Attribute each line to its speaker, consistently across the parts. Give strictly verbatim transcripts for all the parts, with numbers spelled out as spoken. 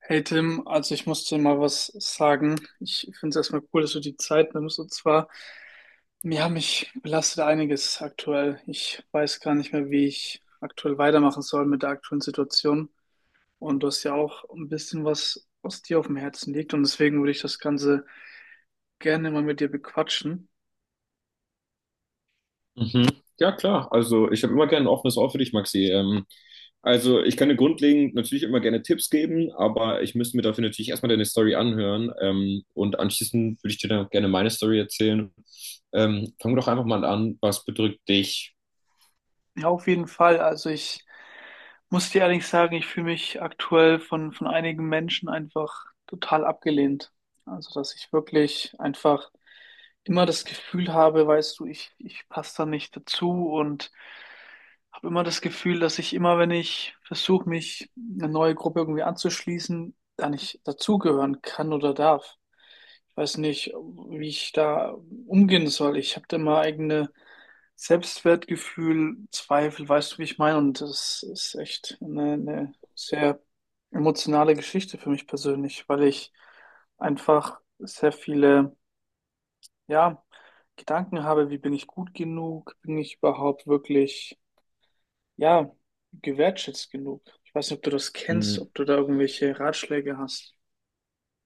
Speaker 1: Hey Tim, also ich muss dir mal was sagen. Ich finde es erstmal cool, dass du die Zeit nimmst. Und zwar, ja, mich belastet einiges aktuell. Ich weiß gar nicht mehr, wie ich aktuell weitermachen soll mit der aktuellen Situation. Und du hast ja auch ein bisschen was, was dir auf dem Herzen liegt. Und deswegen würde ich das Ganze gerne mal mit dir bequatschen.
Speaker 2: Mhm. Ja, klar. Also ich habe immer gerne ein offenes Ohr für dich, Maxi. Ähm, also ich kann dir grundlegend natürlich immer gerne Tipps geben, aber ich müsste mir dafür natürlich erstmal deine Story anhören. Ähm, und anschließend würde ich dir dann gerne meine Story erzählen. Ähm, fang doch einfach mal an. Was bedrückt dich?
Speaker 1: Ja, auf jeden Fall. Also ich muss dir ehrlich sagen, ich fühle mich aktuell von, von einigen Menschen einfach total abgelehnt. Also, dass ich wirklich einfach immer das Gefühl habe, weißt du, ich, ich passe da nicht dazu und habe immer das Gefühl, dass ich immer, wenn ich versuche, mich eine neue Gruppe irgendwie anzuschließen, da nicht dazugehören kann oder darf. Ich weiß nicht, wie ich da umgehen soll. Ich habe da mal eigene Selbstwertgefühl, Zweifel, weißt du, wie ich meine? Und das ist echt eine, eine sehr emotionale Geschichte für mich persönlich, weil ich einfach sehr viele, ja, Gedanken habe, wie bin ich gut genug? Bin ich überhaupt wirklich, ja, gewertschätzt genug? Ich weiß nicht, ob du das kennst,
Speaker 2: Hm,
Speaker 1: ob du da irgendwelche Ratschläge hast.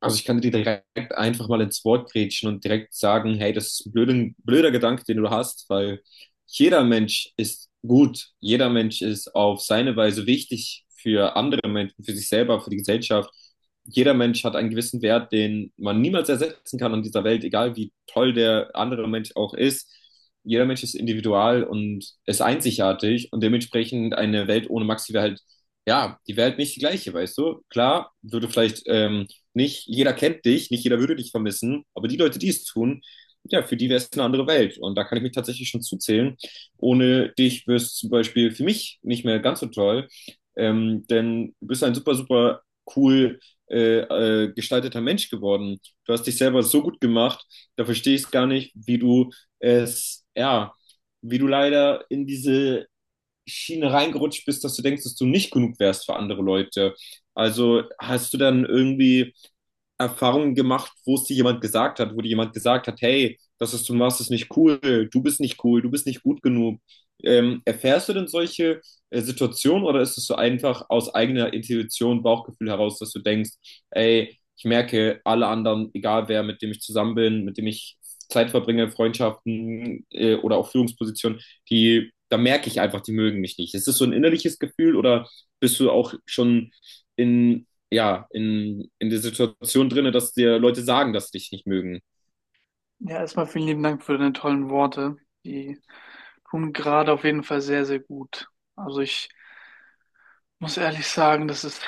Speaker 2: Also ich kann dir direkt einfach mal ins Wort grätschen und direkt sagen, hey, das ist ein blöder, blöder Gedanke, den du hast, weil jeder Mensch ist gut, jeder Mensch ist auf seine Weise wichtig für andere Menschen, für sich selber, für die Gesellschaft. Jeder Mensch hat einen gewissen Wert, den man niemals ersetzen kann in dieser Welt, egal wie toll der andere Mensch auch ist. Jeder Mensch ist individual und ist einzigartig und dementsprechend eine Welt ohne Max wäre halt, ja, die wäre halt nicht die gleiche, weißt du? Klar, würde vielleicht ähm, nicht jeder kennt dich, nicht jeder würde dich vermissen, aber die Leute, die es tun, ja, für die wäre es eine andere Welt. Und da kann ich mich tatsächlich schon zuzählen. Ohne dich wäre es zum Beispiel für mich nicht mehr ganz so toll, ähm, denn du bist ein super, super cool äh, äh, gestalteter Mensch geworden. Du hast dich selber so gut gemacht, da verstehe ich es gar nicht, wie du es, ja, wie du leider in diese Schiene reingerutscht bist, dass du denkst, dass du nicht genug wärst für andere Leute. Also hast du dann irgendwie Erfahrungen gemacht, wo es dir jemand gesagt hat, wo dir jemand gesagt hat, hey, das, was du machst, ist nicht cool, du bist nicht cool, du bist nicht gut genug. Ähm, erfährst du denn solche äh, Situationen oder ist es so einfach aus eigener Intuition, Bauchgefühl heraus, dass du denkst, ey, ich merke, alle anderen, egal wer, mit dem ich zusammen bin, mit dem ich Zeit verbringe, Freundschaften äh, oder auch Führungspositionen, die, da merke ich einfach, die mögen mich nicht. Ist es so ein innerliches Gefühl oder bist du auch schon in ja, in, in der Situation drinne, dass dir Leute sagen, dass sie dich nicht mögen.
Speaker 1: Ja, erstmal vielen lieben Dank für deine tollen Worte. Die tun gerade auf jeden Fall sehr, sehr gut. Also ich muss ehrlich sagen, das ist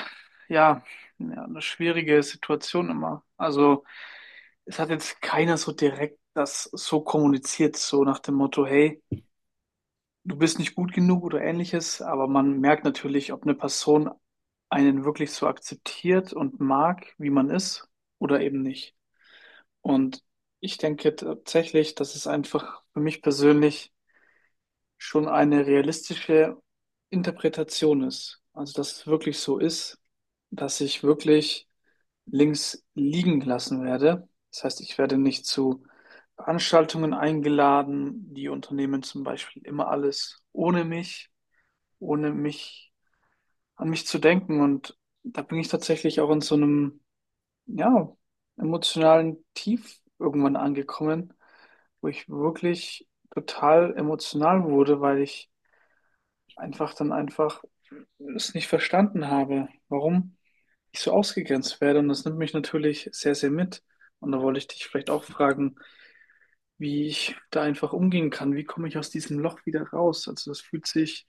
Speaker 1: ja, ja eine schwierige Situation immer. Also es hat jetzt keiner so direkt das so kommuniziert, so nach dem Motto, hey, du bist nicht gut genug oder ähnliches, aber man merkt natürlich, ob eine Person einen wirklich so akzeptiert und mag, wie man ist, oder eben nicht. Und ich denke tatsächlich, dass es einfach für mich persönlich schon eine realistische Interpretation ist. Also, dass es wirklich so ist, dass ich wirklich links liegen gelassen werde. Das heißt, ich werde nicht zu Veranstaltungen eingeladen. Die unternehmen zum Beispiel immer alles ohne mich, ohne mich an mich zu denken. Und da bin ich tatsächlich auch in so einem ja, emotionalen Tief irgendwann angekommen, wo ich wirklich total emotional wurde, weil ich einfach dann einfach es nicht verstanden habe, warum ich so ausgegrenzt werde. Und das nimmt mich natürlich sehr, sehr mit. Und da wollte ich dich vielleicht auch fragen, wie ich da einfach umgehen kann. Wie komme ich aus diesem Loch wieder raus? Also das fühlt sich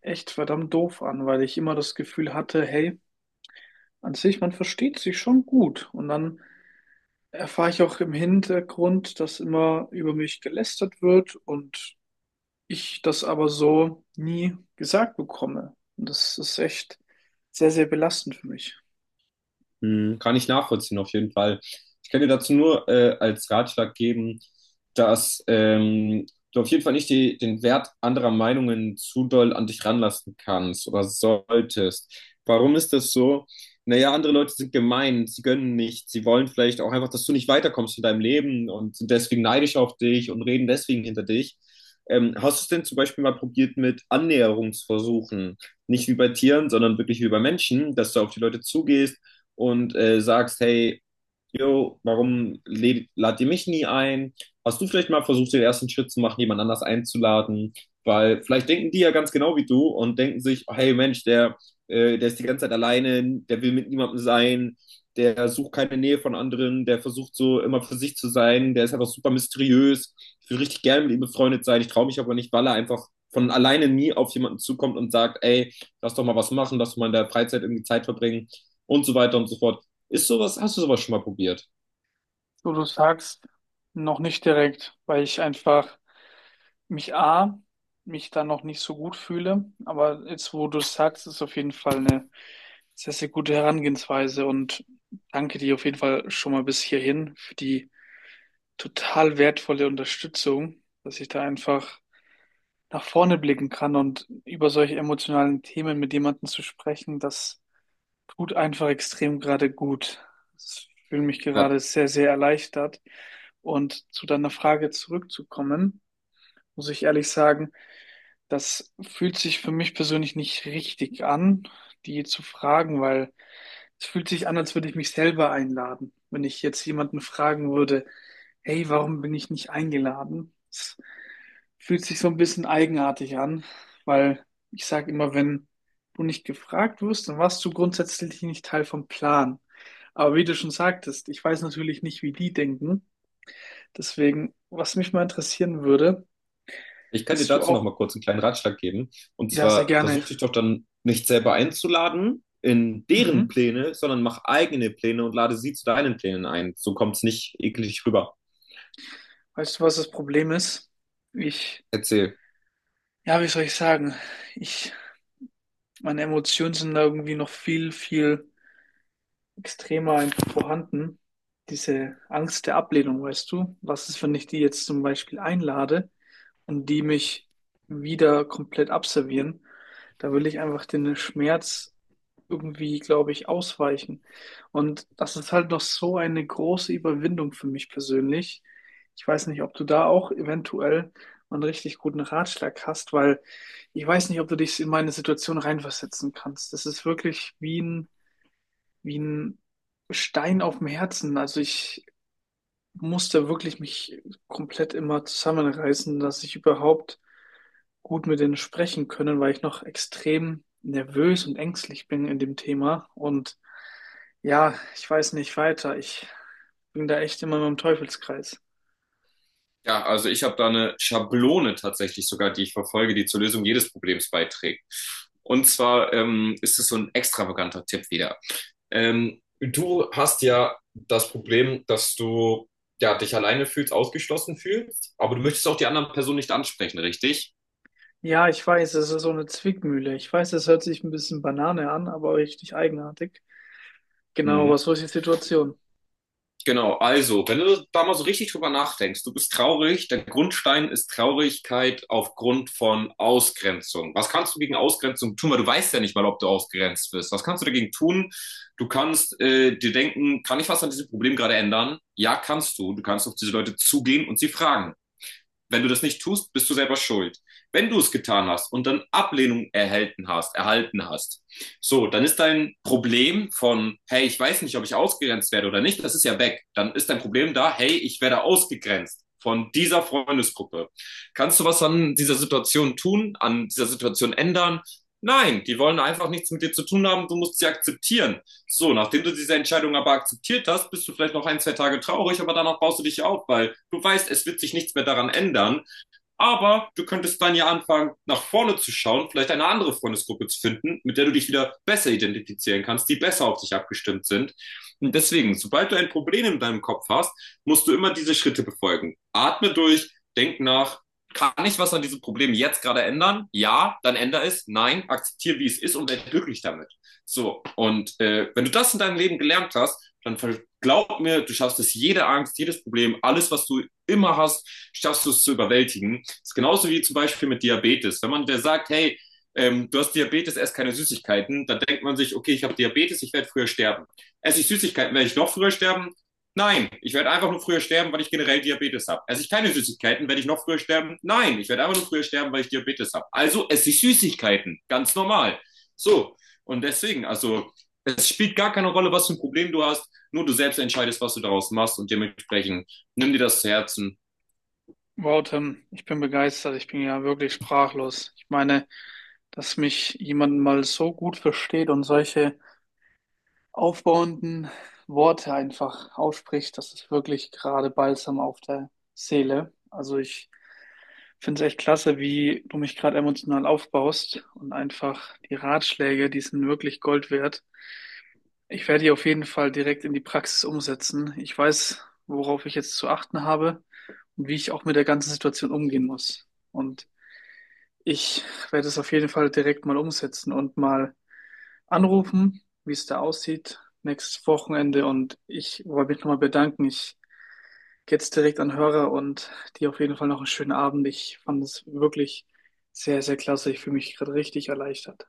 Speaker 1: echt verdammt doof an, weil ich immer das Gefühl hatte, hey, an sich, man versteht sich schon gut. Und dann erfahre ich auch im Hintergrund, dass immer über mich gelästert wird und ich das aber so nie gesagt bekomme. Und das ist echt sehr, sehr belastend für mich.
Speaker 2: Hm, kann ich nachvollziehen, auf jeden Fall. Ich kann dir dazu nur äh, als Ratschlag geben, dass ähm, du auf jeden Fall nicht die, den Wert anderer Meinungen zu doll an dich ranlassen kannst oder solltest. Warum ist das so? Naja, andere Leute sind gemein, sie gönnen nicht, sie wollen vielleicht auch einfach, dass du nicht weiterkommst in deinem Leben und sind deswegen neidisch auf dich und reden deswegen hinter dich. Ähm, hast du es denn zum Beispiel mal probiert mit Annäherungsversuchen? Nicht wie bei Tieren, sondern wirklich wie bei Menschen, dass du auf die Leute zugehst, und äh, sagst, hey, jo, warum lädt, ladet ihr mich nie ein? Hast du vielleicht mal versucht, den ersten Schritt zu machen, jemand anders einzuladen? Weil vielleicht denken die ja ganz genau wie du und denken sich, oh, hey Mensch, der, äh, der ist die ganze Zeit alleine, der will mit niemandem sein, der sucht keine Nähe von anderen, der versucht so immer für sich zu sein, der ist einfach super mysteriös. Ich würde richtig gerne mit ihm befreundet sein, ich traue mich aber nicht, weil er einfach von alleine nie auf jemanden zukommt und sagt, ey, lass doch mal was machen, lass doch mal in der Freizeit irgendwie Zeit verbringen und so weiter und so fort. Ist sowas, hast du sowas schon mal probiert?
Speaker 1: So, du sagst noch nicht direkt, weil ich einfach mich A, mich da noch nicht so gut fühle. Aber jetzt, wo du es sagst, ist auf jeden Fall eine sehr, sehr gute Herangehensweise und danke dir auf jeden Fall schon mal bis hierhin für die total wertvolle Unterstützung, dass ich da einfach nach vorne blicken kann, und über solche emotionalen Themen mit jemandem zu sprechen, das tut einfach extrem gerade gut. Ich fühle mich
Speaker 2: Ja,
Speaker 1: gerade sehr, sehr erleichtert. Und zu deiner Frage zurückzukommen, muss ich ehrlich sagen, das fühlt sich für mich persönlich nicht richtig an, die zu fragen, weil es fühlt sich an, als würde ich mich selber einladen. Wenn ich jetzt jemanden fragen würde, hey, warum bin ich nicht eingeladen? Es fühlt sich so ein bisschen eigenartig an, weil ich sage immer, wenn du nicht gefragt wirst, dann warst du grundsätzlich nicht Teil vom Plan. Aber wie du schon sagtest, ich weiß natürlich nicht, wie die denken. Deswegen, was mich mal interessieren würde,
Speaker 2: ich kann dir
Speaker 1: bist du
Speaker 2: dazu noch
Speaker 1: auch,
Speaker 2: mal kurz einen kleinen Ratschlag geben. Und
Speaker 1: ja, sehr
Speaker 2: zwar
Speaker 1: gerne.
Speaker 2: versuch dich doch dann nicht selber einzuladen in deren
Speaker 1: Mhm.
Speaker 2: Pläne, sondern mach eigene Pläne und lade sie zu deinen Plänen ein. So kommt es nicht eklig rüber.
Speaker 1: Weißt du, was das Problem ist? Ich,
Speaker 2: Erzähl.
Speaker 1: ja, wie soll ich sagen? Ich, meine Emotionen sind da irgendwie noch viel, viel extremer einfach vorhanden. Diese Angst der Ablehnung, weißt du? Was ist, wenn ich die jetzt zum Beispiel einlade und die mich wieder komplett abservieren? Da will ich einfach den Schmerz irgendwie, glaube ich, ausweichen. Und das ist halt noch so eine große Überwindung für mich persönlich. Ich weiß nicht, ob du da auch eventuell einen richtig guten Ratschlag hast, weil ich weiß nicht, ob du dich in meine Situation reinversetzen kannst. Das ist wirklich wie ein wie ein Stein auf dem Herzen. Also ich musste wirklich mich komplett immer zusammenreißen, dass ich überhaupt gut mit denen sprechen können, weil ich noch extrem nervös und ängstlich bin in dem Thema. Und ja, ich weiß nicht weiter. Ich bin da echt immer im Teufelskreis.
Speaker 2: Ja, also ich habe da eine Schablone tatsächlich sogar, die ich verfolge, die zur Lösung jedes Problems beiträgt. Und zwar ähm, ist es so ein extravaganter Tipp wieder. Ähm, du hast ja das Problem, dass du ja, dich alleine fühlst, ausgeschlossen fühlst, aber du möchtest auch die anderen Personen nicht ansprechen, richtig?
Speaker 1: Ja, ich weiß, es ist so eine Zwickmühle. Ich weiß, es hört sich ein bisschen Banane an, aber richtig eigenartig. Genau,
Speaker 2: Mhm.
Speaker 1: aber so ist die Situation.
Speaker 2: Genau, also, wenn du da mal so richtig drüber nachdenkst, du bist traurig, der Grundstein ist Traurigkeit aufgrund von Ausgrenzung. Was kannst du gegen Ausgrenzung tun? Weil du weißt ja nicht mal, ob du ausgrenzt wirst. Was kannst du dagegen tun? Du kannst äh, dir denken, kann ich was an diesem Problem gerade ändern? Ja, kannst du. Du kannst auf diese Leute zugehen und sie fragen. Wenn du das nicht tust, bist du selber schuld. Wenn du es getan hast und dann Ablehnung erhalten hast, erhalten hast, so, dann ist dein Problem von, hey, ich weiß nicht, ob ich ausgegrenzt werde oder nicht, das ist ja weg. Dann ist dein Problem da, hey, ich werde ausgegrenzt von dieser Freundesgruppe. Kannst du was an dieser Situation tun, an dieser Situation ändern? Nein, die wollen einfach nichts mit dir zu tun haben, du musst sie akzeptieren. So, nachdem du diese Entscheidung aber akzeptiert hast, bist du vielleicht noch ein, zwei Tage traurig, aber danach baust du dich auf, weil du weißt, es wird sich nichts mehr daran ändern. Aber du könntest dann ja anfangen, nach vorne zu schauen, vielleicht eine andere Freundesgruppe zu finden, mit der du dich wieder besser identifizieren kannst, die besser auf dich abgestimmt sind. Und deswegen, sobald du ein Problem in deinem Kopf hast, musst du immer diese Schritte befolgen. Atme durch, denk nach, kann ich was an diesem Problem jetzt gerade ändern? Ja, dann ändere es. Nein, akzeptiere, wie es ist und werde glücklich damit. So, und äh, wenn du das in deinem Leben gelernt hast, dann glaub mir, du schaffst es jede Angst, jedes Problem, alles, was du immer hast, schaffst du es zu überwältigen. Das ist genauso wie zum Beispiel mit Diabetes. Wenn man der sagt, hey, ähm, du hast Diabetes, ess keine Süßigkeiten, dann denkt man sich, okay, ich habe Diabetes, ich werde früher sterben. Esse ich Süßigkeiten, werde ich noch früher sterben? Nein, ich werde einfach nur früher sterben, weil ich generell Diabetes habe. Esse ich keine Süßigkeiten, werde ich noch früher sterben? Nein, ich werde einfach nur früher sterben, weil ich Diabetes habe. Also esse ich Süßigkeiten, ganz normal. So, und deswegen, also es spielt gar keine Rolle, was für ein Problem du hast, nur du selbst entscheidest, was du daraus machst und dementsprechend nimm dir das zu Herzen.
Speaker 1: Wow, Tim, ich bin begeistert. Ich bin ja wirklich sprachlos. Ich meine, dass mich jemand mal so gut versteht und solche aufbauenden Worte einfach ausspricht, das ist wirklich gerade Balsam auf der Seele. Also ich finde es echt klasse, wie du mich gerade emotional aufbaust, und einfach die Ratschläge, die sind wirklich Gold wert. Ich werde die auf jeden Fall direkt in die Praxis umsetzen. Ich weiß, worauf ich jetzt zu achten habe und wie ich auch mit der ganzen Situation umgehen muss. Und ich werde es auf jeden Fall direkt mal umsetzen und mal anrufen, wie es da aussieht, nächstes Wochenende. Und ich wollte mich nochmal bedanken. Ich gehe jetzt direkt an den Hörer und dir auf jeden Fall noch einen schönen Abend. Ich fand es wirklich sehr, sehr klasse. Ich fühle mich gerade richtig erleichtert.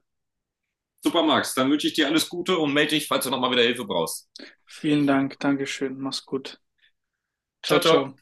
Speaker 2: Super, Max. Dann wünsche ich dir alles Gute und melde dich, falls du nochmal wieder Hilfe brauchst.
Speaker 1: Vielen Dank. Dankeschön. Mach's gut. Ciao,
Speaker 2: Ciao, ciao.
Speaker 1: ciao.